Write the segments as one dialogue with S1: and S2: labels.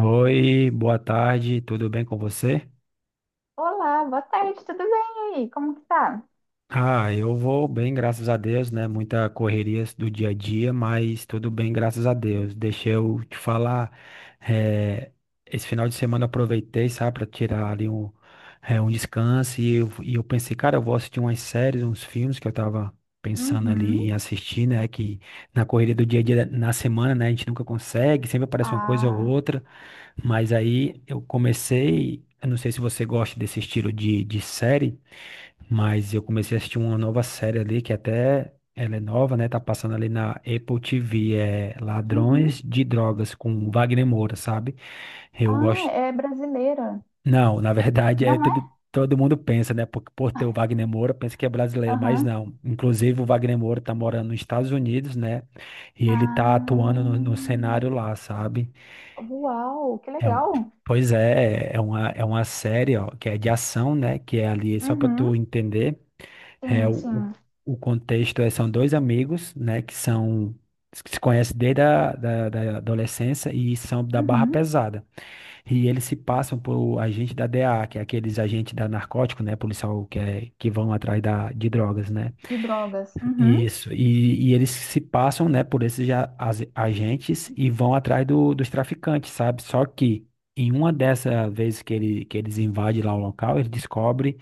S1: Oi, boa tarde, tudo bem com você?
S2: Olá, boa tarde, tudo bem? E aí, como que tá?
S1: Ah, eu vou bem, graças a Deus, né? Muita correria do dia a dia, mas tudo bem, graças a Deus. Deixa eu te falar, eh, esse final de semana eu aproveitei, sabe, para tirar ali um, um descanso e eu pensei, cara, eu vou assistir umas séries, uns filmes que eu tava pensando ali em
S2: Uhum.
S1: assistir, né? Que na correria do dia a dia, na semana, né? A gente nunca consegue, sempre aparece uma coisa ou
S2: Ah,
S1: outra. Mas aí eu comecei, eu não sei se você gosta desse estilo de série. Mas eu comecei a assistir uma nova série ali, que até ela é nova, né? Tá passando ali na Apple TV, é
S2: uhum.
S1: Ladrões de Drogas, com Wagner Moura, sabe? Eu
S2: Ah,
S1: gosto.
S2: é brasileira,
S1: Não, na verdade, é
S2: não é?
S1: tudo. Todo mundo pensa, né? Por ter o Wagner Moura, pensa que é brasileiro, mas
S2: Aham.
S1: não. Inclusive, o Wagner Moura tá morando nos Estados Unidos, né? E ele tá atuando no
S2: Ah,
S1: cenário lá, sabe?
S2: uau, que
S1: É, um-
S2: legal.
S1: Pois é, é uma série, ó, que é de ação, né? Que é ali, só pra tu
S2: Uhum.
S1: entender. É,
S2: Sim,
S1: o, o
S2: sim.
S1: o contexto é, são dois amigos, né, que se conhecem desde da adolescência e são da barra
S2: Uhum.
S1: pesada. E eles se passam por agente da DEA, que é aqueles agentes da narcótico, né, policial que vão atrás de drogas, né?
S2: De drogas. Uhum.
S1: Isso. E eles se passam, né, por esses agentes e vão atrás dos traficantes, sabe? Só que em uma dessas vezes que eles invadem lá o local, ele descobre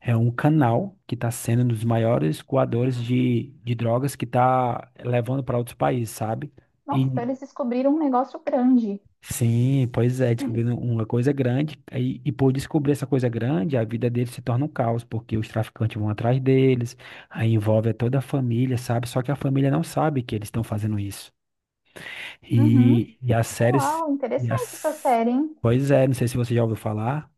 S1: é um canal que está sendo um dos maiores coadores de drogas que está levando para outros países, sabe?
S2: Nossa, então
S1: E
S2: eles descobriram um negócio grande.
S1: sim, pois é, descobrindo uma coisa grande, e por descobrir essa coisa grande, a vida deles se torna um caos, porque os traficantes vão atrás deles, aí envolve toda a família, sabe? Só que a família não sabe que eles estão fazendo isso.
S2: Uhum.
S1: E as séries.
S2: Uau,
S1: E
S2: interessante essa
S1: as...
S2: série, hein?
S1: Pois é, não sei se você já ouviu falar,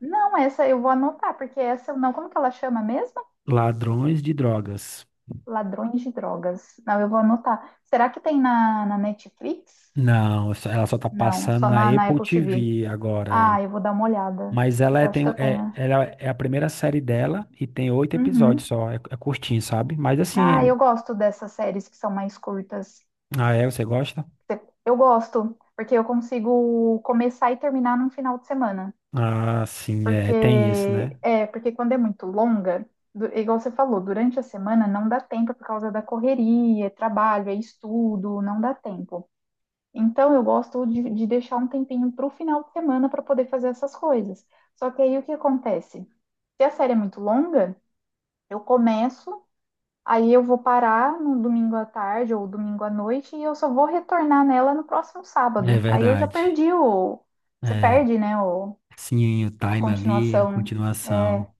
S2: Não, essa eu vou anotar, porque essa eu não. Como que ela chama mesmo?
S1: Ladrões de Drogas.
S2: Ladrões de drogas. Não, eu vou anotar. Será que tem na Netflix?
S1: Não, ela só tá
S2: Não, é
S1: passando
S2: só
S1: na
S2: na
S1: Apple
S2: Apple TV.
S1: TV agora, é.
S2: Ah, eu vou dar uma olhada.
S1: Mas
S2: Eu
S1: ela é,
S2: acho que
S1: tem,
S2: eu
S1: é,
S2: tenho.
S1: ela é a primeira série dela e tem oito
S2: Uhum.
S1: episódios só, é curtinho, sabe? Mas assim,
S2: Ah, eu gosto dessas séries que são mais curtas.
S1: Ah, é? Você gosta?
S2: Eu gosto, porque eu consigo começar e terminar num final de semana.
S1: Ah, sim, é,
S2: Porque
S1: tem isso, né?
S2: porque quando é muito longa, igual você falou, durante a semana não dá tempo por causa da correria, é trabalho, é estudo, não dá tempo. Então, eu gosto de deixar um tempinho para o final de semana para poder fazer essas coisas. Só que aí o que acontece? Se a série é muito longa, eu começo, aí eu vou parar no domingo à tarde ou domingo à noite e eu só vou retornar nela no próximo
S1: É
S2: sábado. Aí eu já
S1: verdade.
S2: perdi o. Você
S1: É,
S2: perde, né? O,
S1: sim, o
S2: a
S1: time ali, a
S2: continuação. É,
S1: continuação.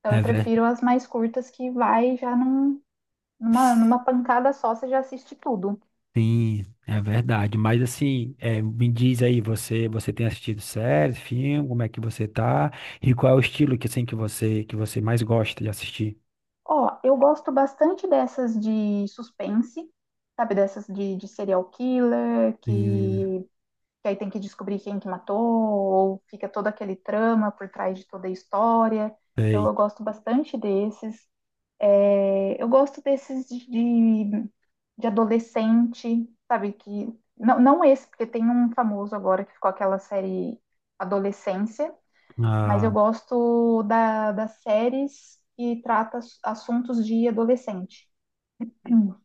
S2: então, eu
S1: É ver...
S2: prefiro as mais curtas que vai já numa pancada só, você já assiste tudo.
S1: Sim, é verdade. Mas assim, me diz aí, você tem assistido séries, filme, como é que você tá? E qual é o estilo que assim que você mais gosta de assistir?
S2: Ó, eu gosto bastante dessas de suspense, sabe? Dessas de serial killer,
S1: Sim,
S2: que aí tem que descobrir quem que matou, ou fica todo aquele trama por trás de toda a história. Então,
S1: sei.
S2: eu gosto bastante desses. É, eu gosto desses de adolescente, sabe? Que, não, não esse, porque tem um famoso agora que ficou aquela série Adolescência, mas eu
S1: Ah,
S2: gosto das séries que trata assuntos de adolescente.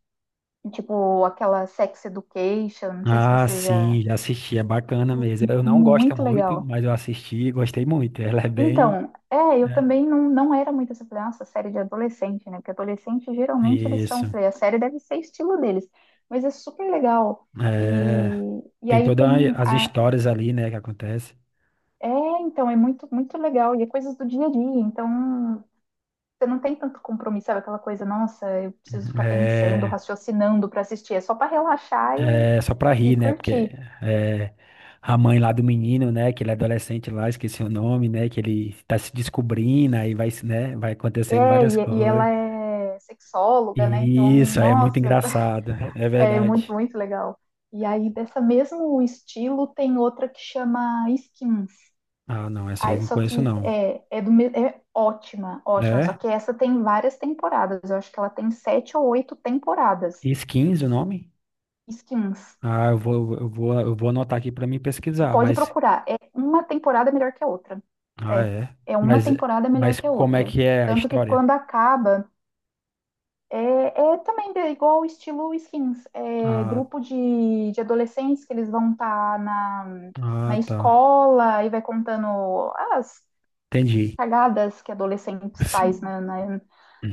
S2: Tipo aquela Sex Education, não sei se
S1: ah,
S2: você já.
S1: sim, já assisti, é bacana mesmo. Eu não gosto
S2: Muito
S1: muito,
S2: legal.
S1: mas eu assisti e gostei muito. Ela é bem,
S2: Então, é, eu
S1: né?
S2: também não, não era muito essa, falei, nossa, série de adolescente, né? Porque adolescente geralmente eles
S1: Isso.
S2: são, falei, a série deve ser estilo deles, mas é super legal.
S1: É,
S2: E
S1: tem
S2: aí
S1: todas
S2: tem
S1: as
S2: a,
S1: histórias ali, né, que acontece.
S2: é, então, é muito, muito legal. E é coisas do dia a dia. Então, você não tem tanto compromisso, sabe? Aquela coisa, nossa, eu preciso ficar pensando,
S1: É,
S2: raciocinando para assistir. É só para relaxar e,
S1: é só pra rir,
S2: e
S1: né? Porque
S2: curtir.
S1: é, a mãe lá do menino, né, que ele é adolescente lá, esqueci o nome, né, que ele tá se descobrindo, aí vai, né, vai acontecendo
S2: É,
S1: várias
S2: e
S1: coisas.
S2: ela é sexóloga, né? Então,
S1: Isso, aí é muito
S2: nossa,
S1: engraçado, é
S2: é muito,
S1: verdade.
S2: muito legal. E aí, dessa mesmo estilo, tem outra que chama Skins.
S1: Ah, não, essa aí
S2: Aí,
S1: não
S2: só
S1: conheço
S2: que
S1: não.
S2: é ótima, ótima. Só
S1: É?
S2: que essa tem várias temporadas. Eu acho que ela tem sete ou oito temporadas.
S1: Skins o nome?
S2: Skins.
S1: Ah, eu vou anotar aqui pra mim pesquisar,
S2: Pode
S1: mas.
S2: procurar. É uma temporada melhor que a outra.
S1: Ah,
S2: É.
S1: é.
S2: É uma
S1: Mas,
S2: temporada melhor
S1: mas
S2: que a
S1: como é
S2: outra.
S1: que é a
S2: Tanto que
S1: história?
S2: quando acaba, é, é também igual o estilo Skins. É
S1: Ah,
S2: grupo de adolescentes que eles vão estar na,
S1: ah,
S2: na
S1: tá.
S2: escola e vai contando as
S1: Entendi.
S2: cagadas que adolescentes faz
S1: Sim.
S2: na, na,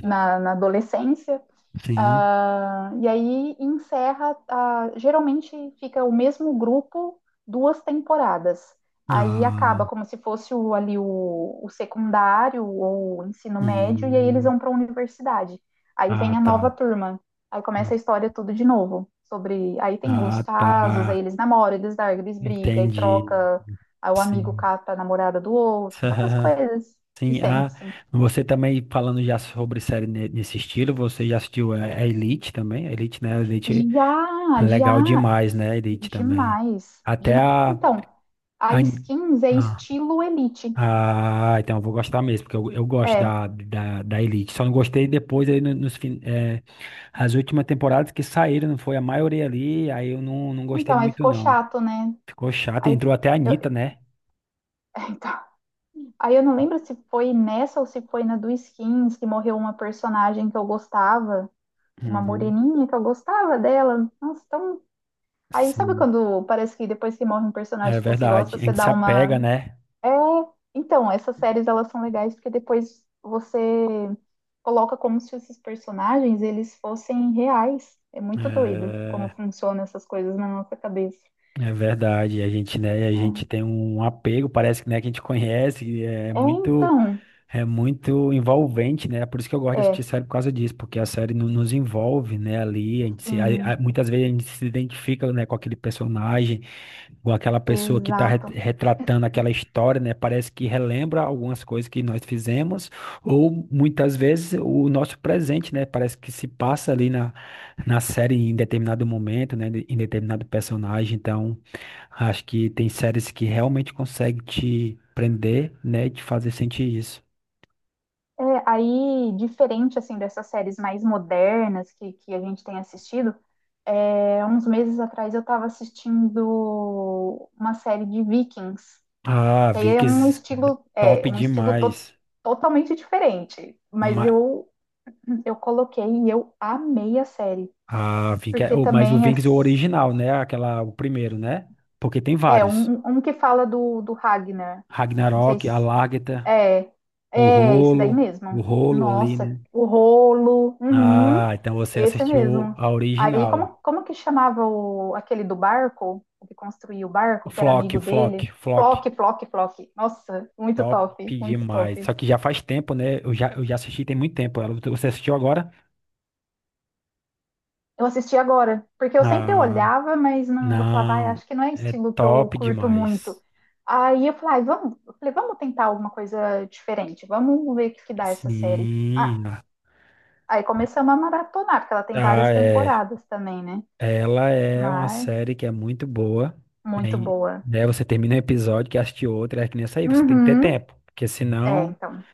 S2: na- na adolescência.
S1: Sim.
S2: Ah, e aí encerra, ah, geralmente fica o mesmo grupo duas temporadas. Aí
S1: Ah,
S2: acaba como se fosse o secundário ou o ensino médio, e aí eles
S1: hum.
S2: vão para a universidade. Aí
S1: Ah,
S2: vem a nova
S1: tá.
S2: turma, aí começa a história tudo de novo. Sobre, aí tem os
S1: Ah,
S2: casos, aí
S1: tá.
S2: eles namoram, eles largam, eles brigam, aí
S1: Entendi.
S2: troca, aí o amigo
S1: Sim.
S2: cata a namorada do outro, aquelas coisas de
S1: Sim.
S2: sempre,
S1: Ah,
S2: assim.
S1: você também falando já sobre série nesse estilo, você já assistiu a Elite também? A Elite, né? A Elite.
S2: Já,
S1: Legal
S2: já.
S1: demais, né, Elite também.
S2: Demais,
S1: Até
S2: demais.
S1: a,
S2: Então, a Skins é
S1: ah,
S2: estilo Elite.
S1: ah, então eu vou gostar mesmo, porque eu gosto
S2: É.
S1: da Elite. Só não gostei depois aí as últimas temporadas que saíram, não foi a maioria ali, aí eu não gostei
S2: Então, aí
S1: muito
S2: ficou
S1: não.
S2: chato, né?
S1: Ficou chato,
S2: Aí
S1: entrou até a Anitta,
S2: eu,
S1: né?
S2: então, aí eu não lembro se foi nessa ou se foi na do Skins que morreu uma personagem que eu gostava, uma
S1: Uhum.
S2: moreninha que eu gostava dela. Nossa, tão. Aí sabe
S1: Sim,
S2: quando parece que depois que morre um
S1: é
S2: personagem que você
S1: verdade.
S2: gosta,
S1: A
S2: você
S1: gente se
S2: dá uma.
S1: apega, né?
S2: É, então, essas séries elas são legais porque depois você coloca como se esses personagens eles fossem reais. É muito doido como
S1: É,
S2: funcionam essas coisas na nossa cabeça.
S1: é verdade. A gente, né, a gente
S2: É,
S1: tem um apego, parece que, né, que a gente conhece, é
S2: É,
S1: muito
S2: então,
S1: É muito envolvente, né? É por isso que eu gosto de
S2: é,
S1: assistir série por causa disso, porque a série nos envolve, né? Ali, a gente
S2: sim,
S1: muitas vezes a gente se identifica, né, com aquele personagem, com aquela pessoa que está
S2: exato.
S1: retratando aquela história, né? Parece que relembra algumas coisas que nós fizemos, ou muitas vezes o nosso presente, né? Parece que se passa ali na série em determinado momento, né? Em determinado personagem. Então, acho que tem séries que realmente conseguem te prender, né? E te fazer sentir isso.
S2: É, aí, diferente assim dessas séries mais modernas que a gente tem assistido, é, uns meses atrás eu estava assistindo uma série de Vikings.
S1: Ah,
S2: Que aí
S1: Vikings top
S2: é, um estilo
S1: demais.
S2: totalmente diferente. Mas
S1: Ma-
S2: eu coloquei e eu amei a série.
S1: Vikings,
S2: Porque
S1: mas o
S2: também
S1: Vikings é o
S2: as.
S1: original, né? Aquela, o primeiro, né? Porque tem
S2: É
S1: vários.
S2: um que fala do Ragnar. Não sei
S1: Ragnarok,
S2: se.
S1: Alárgata,
S2: É,
S1: o
S2: é esse daí
S1: Rolo, o
S2: mesmo.
S1: Rolo ali,
S2: Nossa,
S1: né?
S2: o rolo. Uhum,
S1: Ah, então você
S2: esse
S1: assistiu
S2: mesmo.
S1: a
S2: Aí,
S1: original.
S2: como que chamava o, aquele do barco, o que construiu o
S1: O
S2: barco, que era
S1: Flock,
S2: amigo
S1: o Flock,
S2: dele?
S1: Flock,
S2: Flock, Flock, Flock. Nossa, muito
S1: top
S2: top, muito
S1: demais. Só
S2: top.
S1: que já faz tempo, né? Eu já assisti tem muito tempo. Você assistiu agora?
S2: Eu assisti agora, porque eu sempre
S1: Ah,
S2: olhava, mas não, eu falava, ai,
S1: não.
S2: acho que não é
S1: É
S2: estilo que eu
S1: top
S2: curto muito.
S1: demais.
S2: Aí eu falei, ai, vamos, eu falei, vamos tentar alguma coisa diferente, vamos ver o que, que dá essa série. Ah,
S1: Sim.
S2: aí começamos a maratonar, porque ela tem
S1: Ah,
S2: várias
S1: é.
S2: temporadas também, né?
S1: Ela é uma
S2: Mas
S1: série que é muito boa, né?
S2: muito
S1: E,
S2: boa.
S1: né, você termina um episódio, quer assistir outro, é que nem essa aí, você tem que ter
S2: Uhum.
S1: tempo. Porque
S2: É,
S1: senão
S2: então,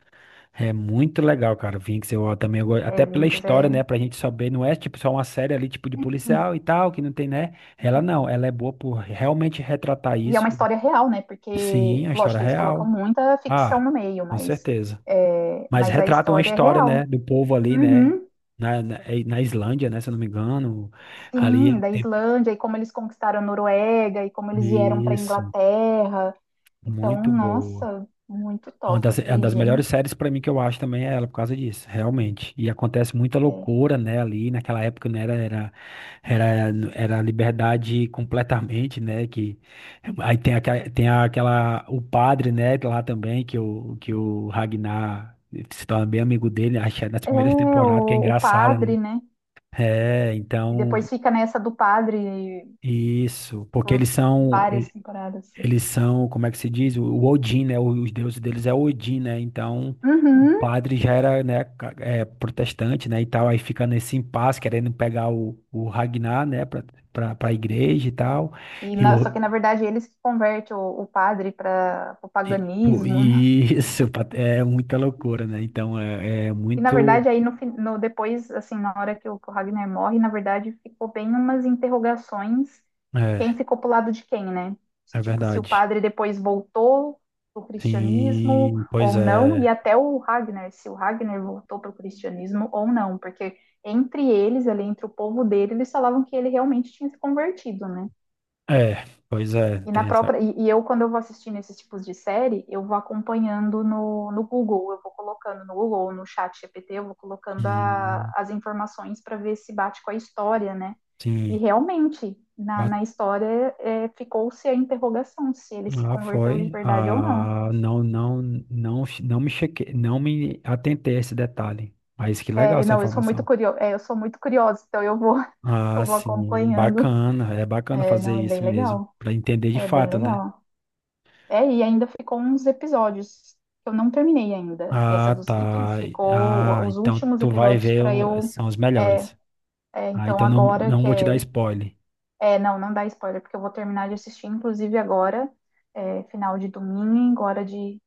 S1: é muito legal, cara. Vinx, eu também
S2: é,
S1: até pela
S2: Vinx
S1: história,
S2: é.
S1: né? Pra gente saber, não é tipo só uma série ali, tipo de policial e tal, que não tem, né? Ela não, ela é boa por realmente retratar
S2: E é uma
S1: isso.
S2: história real, né?
S1: Sim,
S2: Porque,
S1: a história
S2: lógico, eles colocam
S1: real.
S2: muita ficção
S1: Ah,
S2: no meio,
S1: com
S2: mas,
S1: certeza.
S2: é,
S1: Mas
S2: mas a
S1: retrata uma
S2: história é
S1: história, né?
S2: real.
S1: Do povo ali, né?
S2: Uhum.
S1: Na Islândia, né? Se eu não me engano. Ali é
S2: Sim,
S1: o
S2: da
S1: tempo.
S2: Islândia, e como eles conquistaram a Noruega, e como eles vieram para a
S1: Isso.
S2: Inglaterra. Então,
S1: Muito boa.
S2: nossa, muito
S1: É Uma
S2: top. Eu
S1: das, é uma
S2: falei,
S1: das melhores
S2: gente,
S1: séries pra mim que eu acho também é ela, por causa disso, realmente. E acontece muita
S2: é,
S1: loucura, né, ali, naquela época, né, era liberdade completamente, né, que aí tem aquela, o padre, né, lá também, que o Ragnar se torna bem amigo dele, acho que é nas
S2: é
S1: primeiras temporadas, que é
S2: o, o
S1: engraçada, né.
S2: padre, né?
S1: É,
S2: E
S1: então,
S2: depois fica nessa do padre
S1: isso, porque
S2: por
S1: eles são,
S2: várias temporadas.
S1: Eles são, como é que se diz? O Odin, né? Os deuses deles é Odin, né? Então, o
S2: Uhum.
S1: padre já era, né, protestante, né? E tal, aí fica nesse impasse, querendo pegar o Ragnar, né? Pra igreja e tal.
S2: E
S1: E,
S2: na- só
S1: o,
S2: que na verdade eles que convertem o padre para o
S1: e, pô,
S2: paganismo, né?
S1: é muita loucura, né? Então, é
S2: E na
S1: muito.
S2: verdade aí no depois assim na hora que o Ragnar morre, na verdade ficou bem umas interrogações quem
S1: É,
S2: ficou pro lado de quem, né? Se,
S1: é
S2: tipo, se o
S1: verdade.
S2: padre depois voltou pro cristianismo
S1: Sim, pois
S2: ou não,
S1: é.
S2: e até o Ragnar, se o Ragnar voltou pro cristianismo ou não, porque entre eles, ali entre o povo dele, eles falavam que ele realmente tinha se convertido, né?
S1: É, pois é.
S2: E na
S1: Tem essa.
S2: própria, e, e eu, quando eu vou assistindo esses tipos de série, eu vou acompanhando no Google, eu vou colocando no Google ou no chat GPT, eu vou colocando
S1: Hum,
S2: as informações para ver se bate com a história, né? E
S1: sim.
S2: realmente, na história, é, ficou-se a interrogação se ele se
S1: Ah,
S2: converteu de
S1: foi.
S2: verdade ou não.
S1: Ah, não, não, não, não me chequei, não me atentei a esse detalhe. Mas que legal
S2: É,
S1: essa
S2: não, eu sou muito
S1: informação.
S2: curiosa, é, eu sou muito curiosa, então
S1: Ah,
S2: eu vou
S1: sim,
S2: acompanhando.
S1: bacana. É bacana
S2: É,
S1: fazer
S2: não, é
S1: isso
S2: bem
S1: mesmo,
S2: legal.
S1: para entender de
S2: É bem
S1: fato, né?
S2: legal. É, e ainda ficou uns episódios. Que eu não terminei ainda essa
S1: Ah,
S2: dos Vikings.
S1: tá.
S2: Ficou
S1: Ah,
S2: os
S1: então
S2: últimos
S1: tu vai
S2: episódios
S1: ver,
S2: para eu.
S1: são os
S2: É,
S1: melhores.
S2: é,
S1: Ah,
S2: então
S1: então não,
S2: agora
S1: não
S2: que
S1: vou te dar
S2: é,
S1: spoiler.
S2: é. Não, não dá spoiler, porque eu vou terminar de assistir, inclusive agora, é, final de domingo, hora de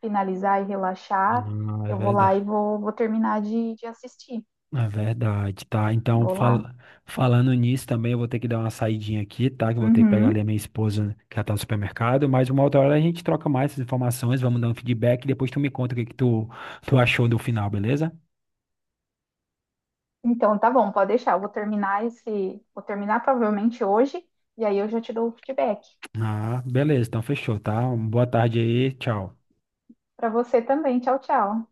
S2: finalizar e relaxar.
S1: Ah, é
S2: Eu vou lá e
S1: verdade.
S2: vou terminar de assistir.
S1: É verdade, tá? Então,
S2: Vou
S1: fal-
S2: lá.
S1: falando nisso também, eu vou ter que dar uma saidinha aqui, tá? Que eu vou ter que pegar ali a
S2: Uhum.
S1: minha esposa, que ela tá no supermercado, mas uma outra hora a gente troca mais essas informações, vamos dar um feedback e depois tu me conta o que que tu achou do final, beleza?
S2: Então tá bom, pode deixar. Eu vou terminar esse. Vou terminar provavelmente hoje, e aí eu já te dou o feedback.
S1: Ah, beleza, então fechou, tá? Uma boa tarde aí, tchau.
S2: Para você também. Tchau, tchau.